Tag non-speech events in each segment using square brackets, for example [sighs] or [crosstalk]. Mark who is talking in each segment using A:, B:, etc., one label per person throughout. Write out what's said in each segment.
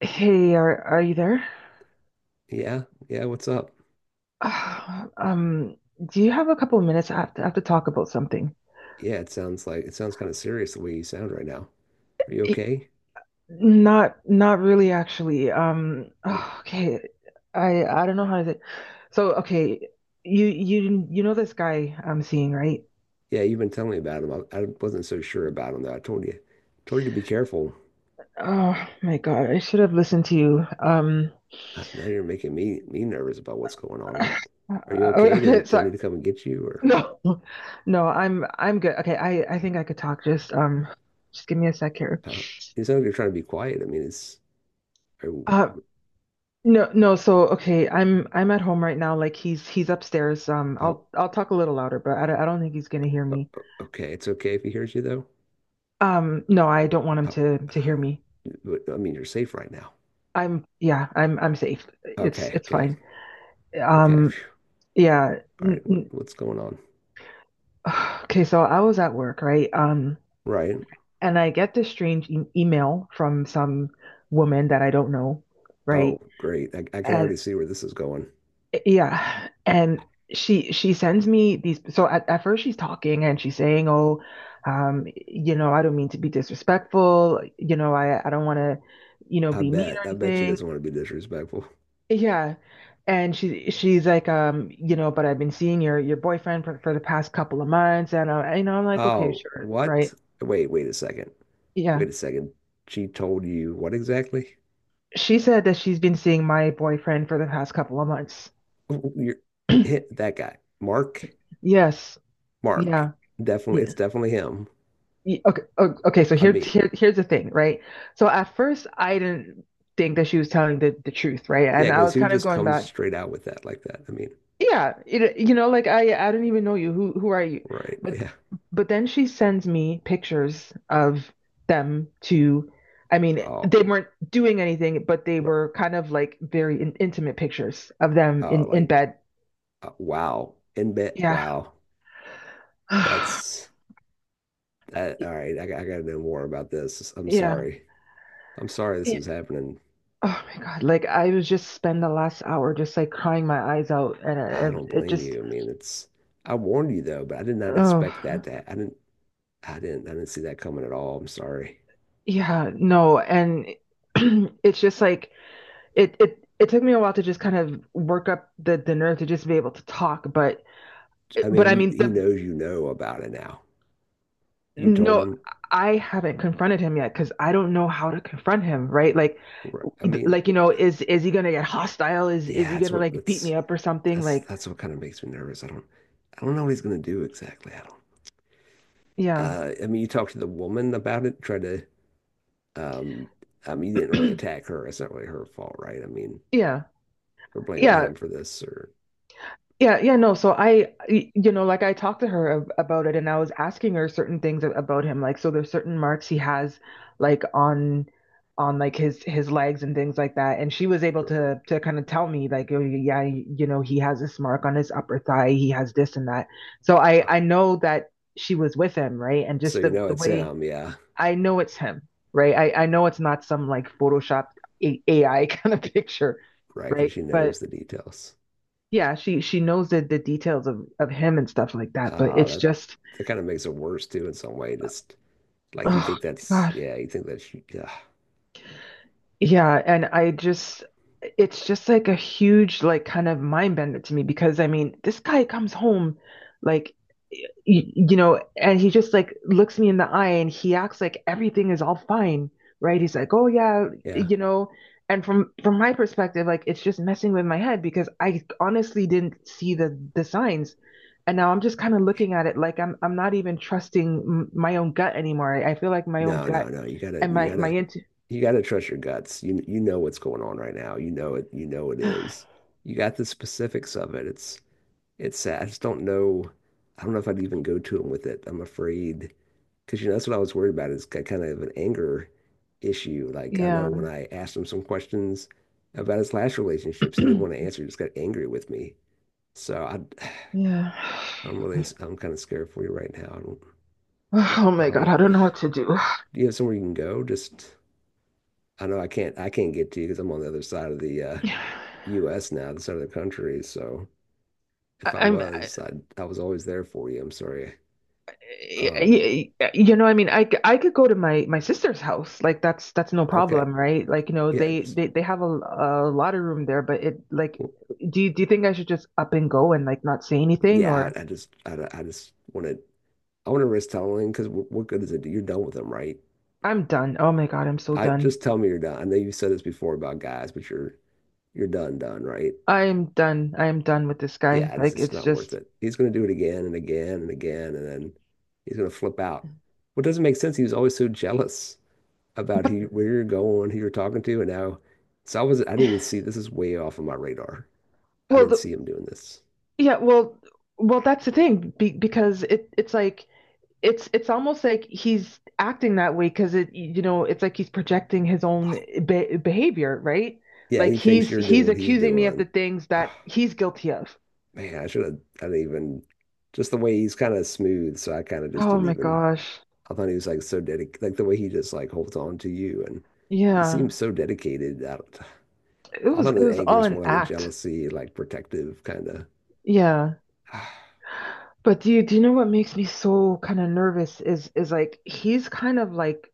A: Hey, are you there?
B: Yeah, yeah, what's up?
A: Ah, Um, do you have a couple of minutes? I have to talk about something.
B: Yeah, it sounds kind of serious the way you sound right now. Are you
A: It,
B: okay?
A: not really actually. Okay. I don't know how to say. So, okay, you know this guy I'm seeing, right?
B: Yeah, you've been telling me about him. I wasn't so sure about him though. I told you to be careful.
A: Oh my God, I should have listened to you.
B: Now you're making me nervous about what's going on.
A: Uh,
B: Are you okay? Do, I-
A: okay,
B: do I
A: sorry.
B: need to
A: [laughs]
B: come and get you? Or
A: No. No, I'm good. Okay, I think I could talk. Just give me a sec here.
B: uh, you sound like you're trying to be quiet. I mean, it's are, you-
A: Uh, No, no, so okay, I'm at home right now. Like he's upstairs.
B: oh,
A: I'll talk a little louder, but I don't think he's gonna hear
B: o-
A: me.
B: okay. It's okay if he hears you though.
A: No, I don't want him
B: Oh,
A: to hear me.
B: but, I mean, you're safe right now.
A: I'm yeah, I'm safe. It's
B: Okay,
A: it's
B: okay,
A: fine.
B: okay.
A: Um,
B: Phew.
A: yeah.
B: All
A: N
B: right, what,
A: n
B: what's going on?
A: [sighs] okay, so I was at work, right?
B: Right.
A: And I get this strange e email from some woman that I don't know,
B: Oh,
A: right?
B: great. I can
A: And
B: already see where this is going.
A: yeah. And she sends me these. So at first she's talking and she's saying, "Oh, you know, I don't mean to be disrespectful. You know, I don't want to, you know,
B: I
A: be mean
B: bet.
A: or
B: I bet she
A: anything."
B: doesn't want to be disrespectful. [laughs]
A: Yeah. And she's like, you know, but I've been seeing your boyfriend for the past couple of months, and I, you know, I'm like, okay,
B: Oh,
A: sure, right?
B: what? Wait, wait a second.
A: Yeah.
B: Wait a second. She told you what exactly? [laughs]
A: She said that she's been seeing my boyfriend for the past couple of months.
B: Oh, you're hit that guy. Mark.
A: Yes.
B: Mark.
A: Yeah.
B: Definitely.
A: Yeah.
B: It's definitely him.
A: Okay, okay, so
B: I
A: here's
B: mean,
A: here's the thing, right? So at first I didn't think that she was telling the truth, right?
B: yeah,
A: And I
B: because
A: was
B: who
A: kind of
B: just
A: going
B: comes
A: back,
B: straight out with that like that? I mean,
A: yeah, it, you know, like I don't even know you. Who are you?
B: right.
A: But
B: [laughs] Yeah.
A: but then she sends me pictures of them to, I mean,
B: Oh,
A: they weren't doing anything, but they
B: right.
A: were kind of like very intimate pictures of them
B: Oh,
A: in
B: like,
A: bed.
B: wow. In bed.
A: Yeah.
B: Wow.
A: [sighs]
B: That's that.
A: Yeah.
B: All right. I got to know more about this. I'm sorry. I'm sorry this
A: Yeah.
B: is happening.
A: Oh my God. Like I was just spend the last hour just like crying my eyes out and
B: I don't
A: it
B: blame
A: just
B: you. I mean, it's I warned you though, but I did not expect that
A: oh
B: to I didn't see that coming at all. I'm sorry.
A: yeah, no. And [clears throat] it's just like it took me a while to just kind of work up the nerve to just be able to talk,
B: I mean,
A: but
B: if
A: I
B: you,
A: mean
B: he
A: the
B: knows you know about it now. You told
A: no
B: him.
A: I haven't confronted him yet because I don't know how to confront him, right?
B: I mean,
A: Like you know is he gonna get hostile? Is
B: yeah,
A: he
B: that's
A: gonna
B: what
A: like beat
B: that's
A: me up or something?
B: that's
A: Like
B: that's what kind of makes me nervous. I don't know what he's gonna do exactly. I don't.
A: yeah.
B: I mean, you talked to the woman about it. Tried to. Um, I mean, you didn't really attack
A: [clears throat]
B: her. It's not really her fault, right? I mean,
A: Yeah.
B: we're blaming
A: Yeah.
B: him for this, or,
A: Yeah, yeah, no. So you know, like I talked to her about it and I was asking her certain things about him. Like, so there's certain marks he has like on like his legs and things like that. And she was able
B: or
A: to kind of tell me like, oh, yeah, you know, he has this mark on his upper thigh, he has this and that. So I
B: oh,
A: know that she was with him, right? And
B: so
A: just
B: you
A: the
B: know
A: the
B: it's
A: way
B: him, yeah,
A: I know it's him, right? I know it's not some like Photoshop A- AI kind of [laughs] picture,
B: right? Because
A: right?
B: she
A: But
B: knows the details.
A: yeah, she knows the details of him and stuff like that, but
B: Ah,
A: it's
B: that
A: just
B: that kind of makes it worse too in some way. Just like you
A: oh
B: think that's,
A: my God.
B: yeah, you think that's, yeah,
A: Yeah, and I just it's just like a huge like kind of mind bender to me because I mean, this guy comes home like you know, and he just like looks me in the eye and he acts like everything is all fine, right? He's like, "Oh yeah,
B: yeah.
A: you know." And from my perspective, like it's just messing with my head because I honestly didn't see the signs. And now I'm just kind of looking at it like I'm not even trusting m my own gut anymore. I feel like my own
B: No,
A: gut
B: no, no. You gotta
A: and
B: you
A: my
B: gotta
A: intu
B: you gotta trust your guts. You know what's going on right now. You know it. You know it is.
A: [sighs]
B: You got the specifics of it. It's sad. I just don't know. I don't know if I'd even go to him with it. I'm afraid because you know that's what I was worried about is kind of an anger issue. Like I know when
A: yeah.
B: I asked him some questions about his last relationships, he didn't want to
A: [clears throat]
B: answer. He just got angry with me. So I
A: yeah. [sighs]
B: I'm really, I'm kind of scared for you right now.
A: Oh
B: I
A: my god,
B: don't,
A: I don't know what to do.
B: Do you have somewhere you can go? Just, I know I can't get to you because I'm on the other side of the US now, the side of the country. So if I
A: I'm, I,
B: was, I was always there for you. I'm sorry. Um,
A: you know, I mean, I could go to my sister's house. Like that's no
B: okay.
A: problem, right? Like, you know,
B: Yeah.
A: they
B: Just,
A: they they have a lot of room there, but it like,
B: well,
A: do you think I should just up and go and like not say anything or
B: yeah. I want to risk telling because what good is it? You're done with them, right?
A: I'm done. Oh my God, I'm so
B: I
A: done.
B: just tell me you're done. I know you said this before about guys, but you're done, done, right?
A: I'm done. I'm done with this guy.
B: Yeah, this
A: Like
B: is
A: it's
B: not worth
A: just
B: it. He's going to do it again and again and again, and then he's going to flip out. What doesn't make sense, he was always so jealous about who, where you're going, who you're talking to, and now it's always, I didn't even see, this is way off of my radar. I
A: well,
B: didn't
A: the,
B: see him doing this.
A: yeah, well, well, that's the thing because it's like it's almost like he's acting that way because it you know it's like he's projecting his own behavior right
B: Yeah,
A: like
B: he thinks
A: he's
B: you're doing
A: he's
B: what he's
A: accusing me of the
B: doing.
A: things
B: Oh,
A: that he's guilty of
B: man, I should have, I didn't even, just the way he's kind of smooth, so I kind of just
A: oh
B: didn't
A: my
B: even,
A: gosh
B: I thought he was like so dedicated, like the way he just like holds on to you, and he
A: yeah
B: seems so dedicated. I, don't,
A: it
B: I
A: was
B: thought
A: it
B: his
A: was
B: anger
A: all
B: is
A: an
B: more like a
A: act
B: jealousy, like protective kind of.
A: yeah
B: [sighs]
A: but do you know what makes me so kind of nervous is like he's kind of like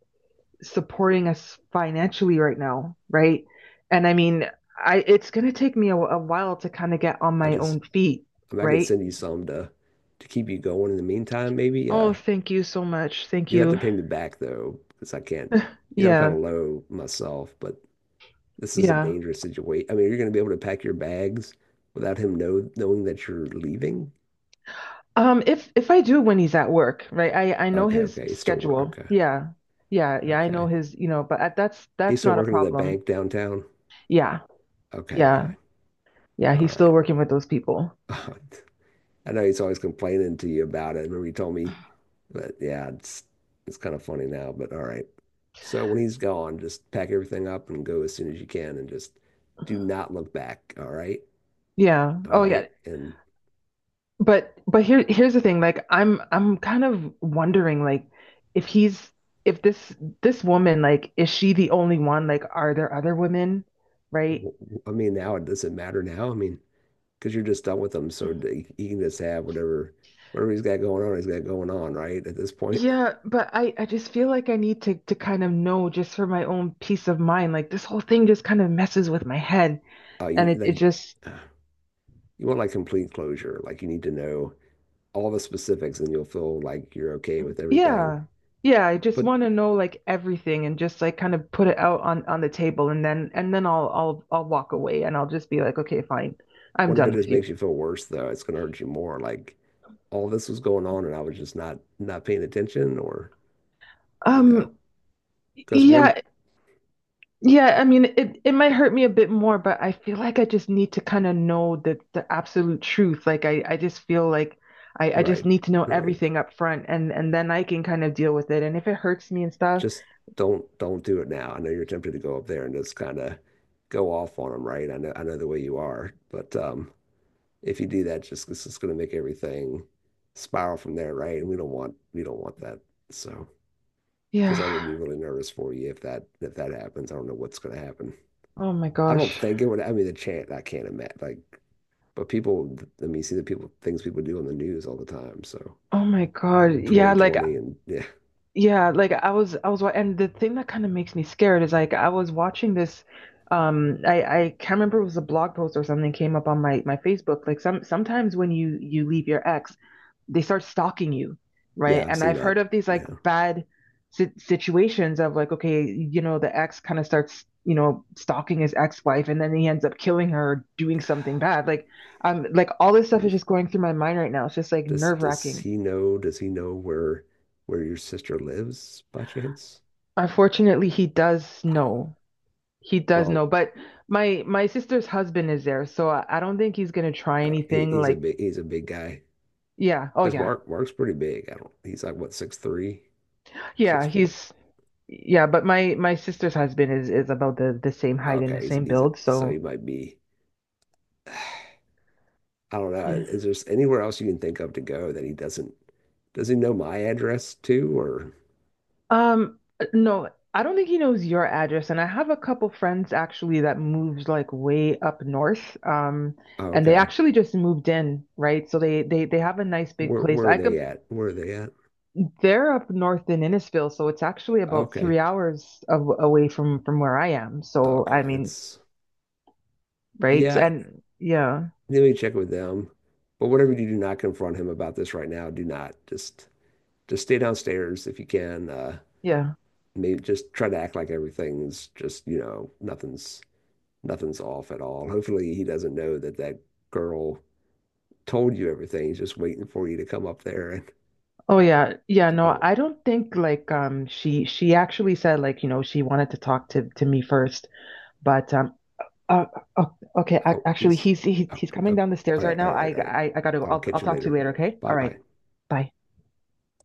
A: supporting us financially right now right and I mean I it's going to take me a while to kind of get on
B: I
A: my
B: just,
A: own feet
B: I mean, I could
A: right
B: send you some to keep you going in the meantime. Maybe
A: Oh, thank you so much. Thank
B: you'll have to
A: you.
B: pay me back though, because I can't. You know, I'm kind
A: Yeah,
B: of low myself, but this is a
A: yeah.
B: dangerous situation. I mean, you're going to be able to pack your bags without him knowing that you're leaving.
A: If I do when he's at work, right? I know
B: Okay,
A: his
B: okay, he's still work.
A: schedule.
B: Okay,
A: Yeah. Yeah, yeah, I know
B: okay,
A: his, you know, that's
B: he's
A: that's
B: still
A: not a
B: working at that
A: problem.
B: bank downtown.
A: Yeah.
B: Okay,
A: Yeah.
B: okay,
A: Yeah,
B: all
A: he's still
B: right.
A: working with those people.
B: [laughs] I know he's always complaining to you about it. I remember you told me, but yeah, it's kind of funny now, but all right. So when he's gone, just pack everything up and go as soon as you can and just do not look back. All right.
A: Yeah.
B: All
A: Oh,
B: right.
A: yeah.
B: And
A: But here here's the thing. Like I'm kind of wondering like if he's if this this woman like is she the only one? Like are there other women, right?
B: I mean, now it doesn't matter now. I mean, because you're just done with him. So he can just have whatever he's got going on, he's got going on, right? At this point,
A: Yeah, but I just feel like I need to kind of know just for my own peace of mind. Like this whole thing just kind of messes with my head
B: you
A: and it
B: like,
A: it just
B: [sighs] uh, you want like complete closure. Like you need to know all the specifics and you'll feel like you're okay with everything.
A: yeah. Yeah, I just
B: But
A: want to know like everything and just like kind of put it out on the table and then I'll walk away and I'll just be like, "Okay, fine. I'm
B: what if it
A: done
B: just
A: with you."
B: makes you feel worse though? It's gonna hurt you more. Like all this was going on and I was just not paying attention or, you know,
A: Um
B: because one,
A: yeah, Yeah, I mean, it might hurt me a bit more, but I feel like I just need to kind of know the absolute truth. Like I just feel like I just
B: right,
A: need to know
B: right.
A: everything up front and then I can kind of deal with it. And if it hurts me and stuff,
B: Just don't do it now. I know you're tempted to go up there and just kind of go off on them, right? I know the way you are, but if you do that, just it's just gonna make everything spiral from there, right? And we don't want that. So, because I'm gonna
A: yeah.
B: be really nervous for you if that happens. I don't know what's gonna happen.
A: Oh my
B: I don't
A: gosh.
B: think it would. I mean, the chance I can't imagine. But people, I mean, you see the people, things people do on the news all the time. So
A: Oh my God.
B: 2020 and [laughs] yeah,
A: Yeah, like and the thing that kind of makes me scared is like I was watching this I can't remember it was a blog post or something came up on my Facebook. Like sometimes when you leave your ex they start stalking you, right?
B: yeah, I've
A: And
B: seen
A: I've heard
B: that
A: of these like
B: now.
A: bad situations of like, okay, you know, the ex kind of starts, you know, stalking his ex-wife and then he ends up killing her or doing something bad. Like all this stuff is just going through my mind right now. It's just like
B: Does
A: nerve-wracking.
B: he know? Does he know where your sister lives by chance?
A: Unfortunately, he does know. He does
B: Well,
A: know, but my sister's husband is there, so I don't think he's gonna try
B: he,
A: anything
B: he's a
A: like
B: big he's a big guy
A: yeah, oh
B: because
A: yeah.
B: Mark's pretty big. I don't. He's like what 6'3", six
A: Yeah,
B: four.
A: he's yeah, but my sister's husband is about the same height and the
B: Okay,
A: same build,
B: so he
A: so
B: might be. [sighs] I don't know.
A: Yeah.
B: Is there anywhere else you can think of to go that he doesn't? Does he know my address too? Or
A: um no, I don't think he knows your address and I have a couple friends actually that moves like way up north
B: oh,
A: and they
B: okay.
A: actually just moved in, right? So they have a nice big
B: Where
A: place.
B: where are
A: I could
B: they at? Where are they at?
A: they're up north in Innisfil, so it's actually about
B: Okay.
A: 3 hours away from where I am. So I
B: Okay.
A: mean,
B: That's
A: right?
B: yeah,
A: And yeah.
B: let me check with them. But whatever you do, do not confront him about this right now. Do not. Just stay downstairs if you can.
A: Yeah.
B: Maybe just try to act like everything's just, nothing's off at all. Hopefully he doesn't know that that girl told you everything. He's just waiting for you to come up there, and
A: Oh yeah, yeah,
B: I
A: no,
B: don't,
A: I don't think like she actually said like you know she wanted to talk to me first, but uh, uh, okay,
B: oh
A: actually
B: he's,
A: he's he's
B: oh,
A: he's coming
B: oh,
A: down the stairs
B: all right,
A: right
B: all
A: now.
B: right, all right,
A: I
B: all right.
A: I I gotta go.
B: I'll
A: I'll
B: catch
A: I'll
B: you
A: talk to you
B: later.
A: later, okay?
B: Bye
A: All
B: bye.
A: right. Bye.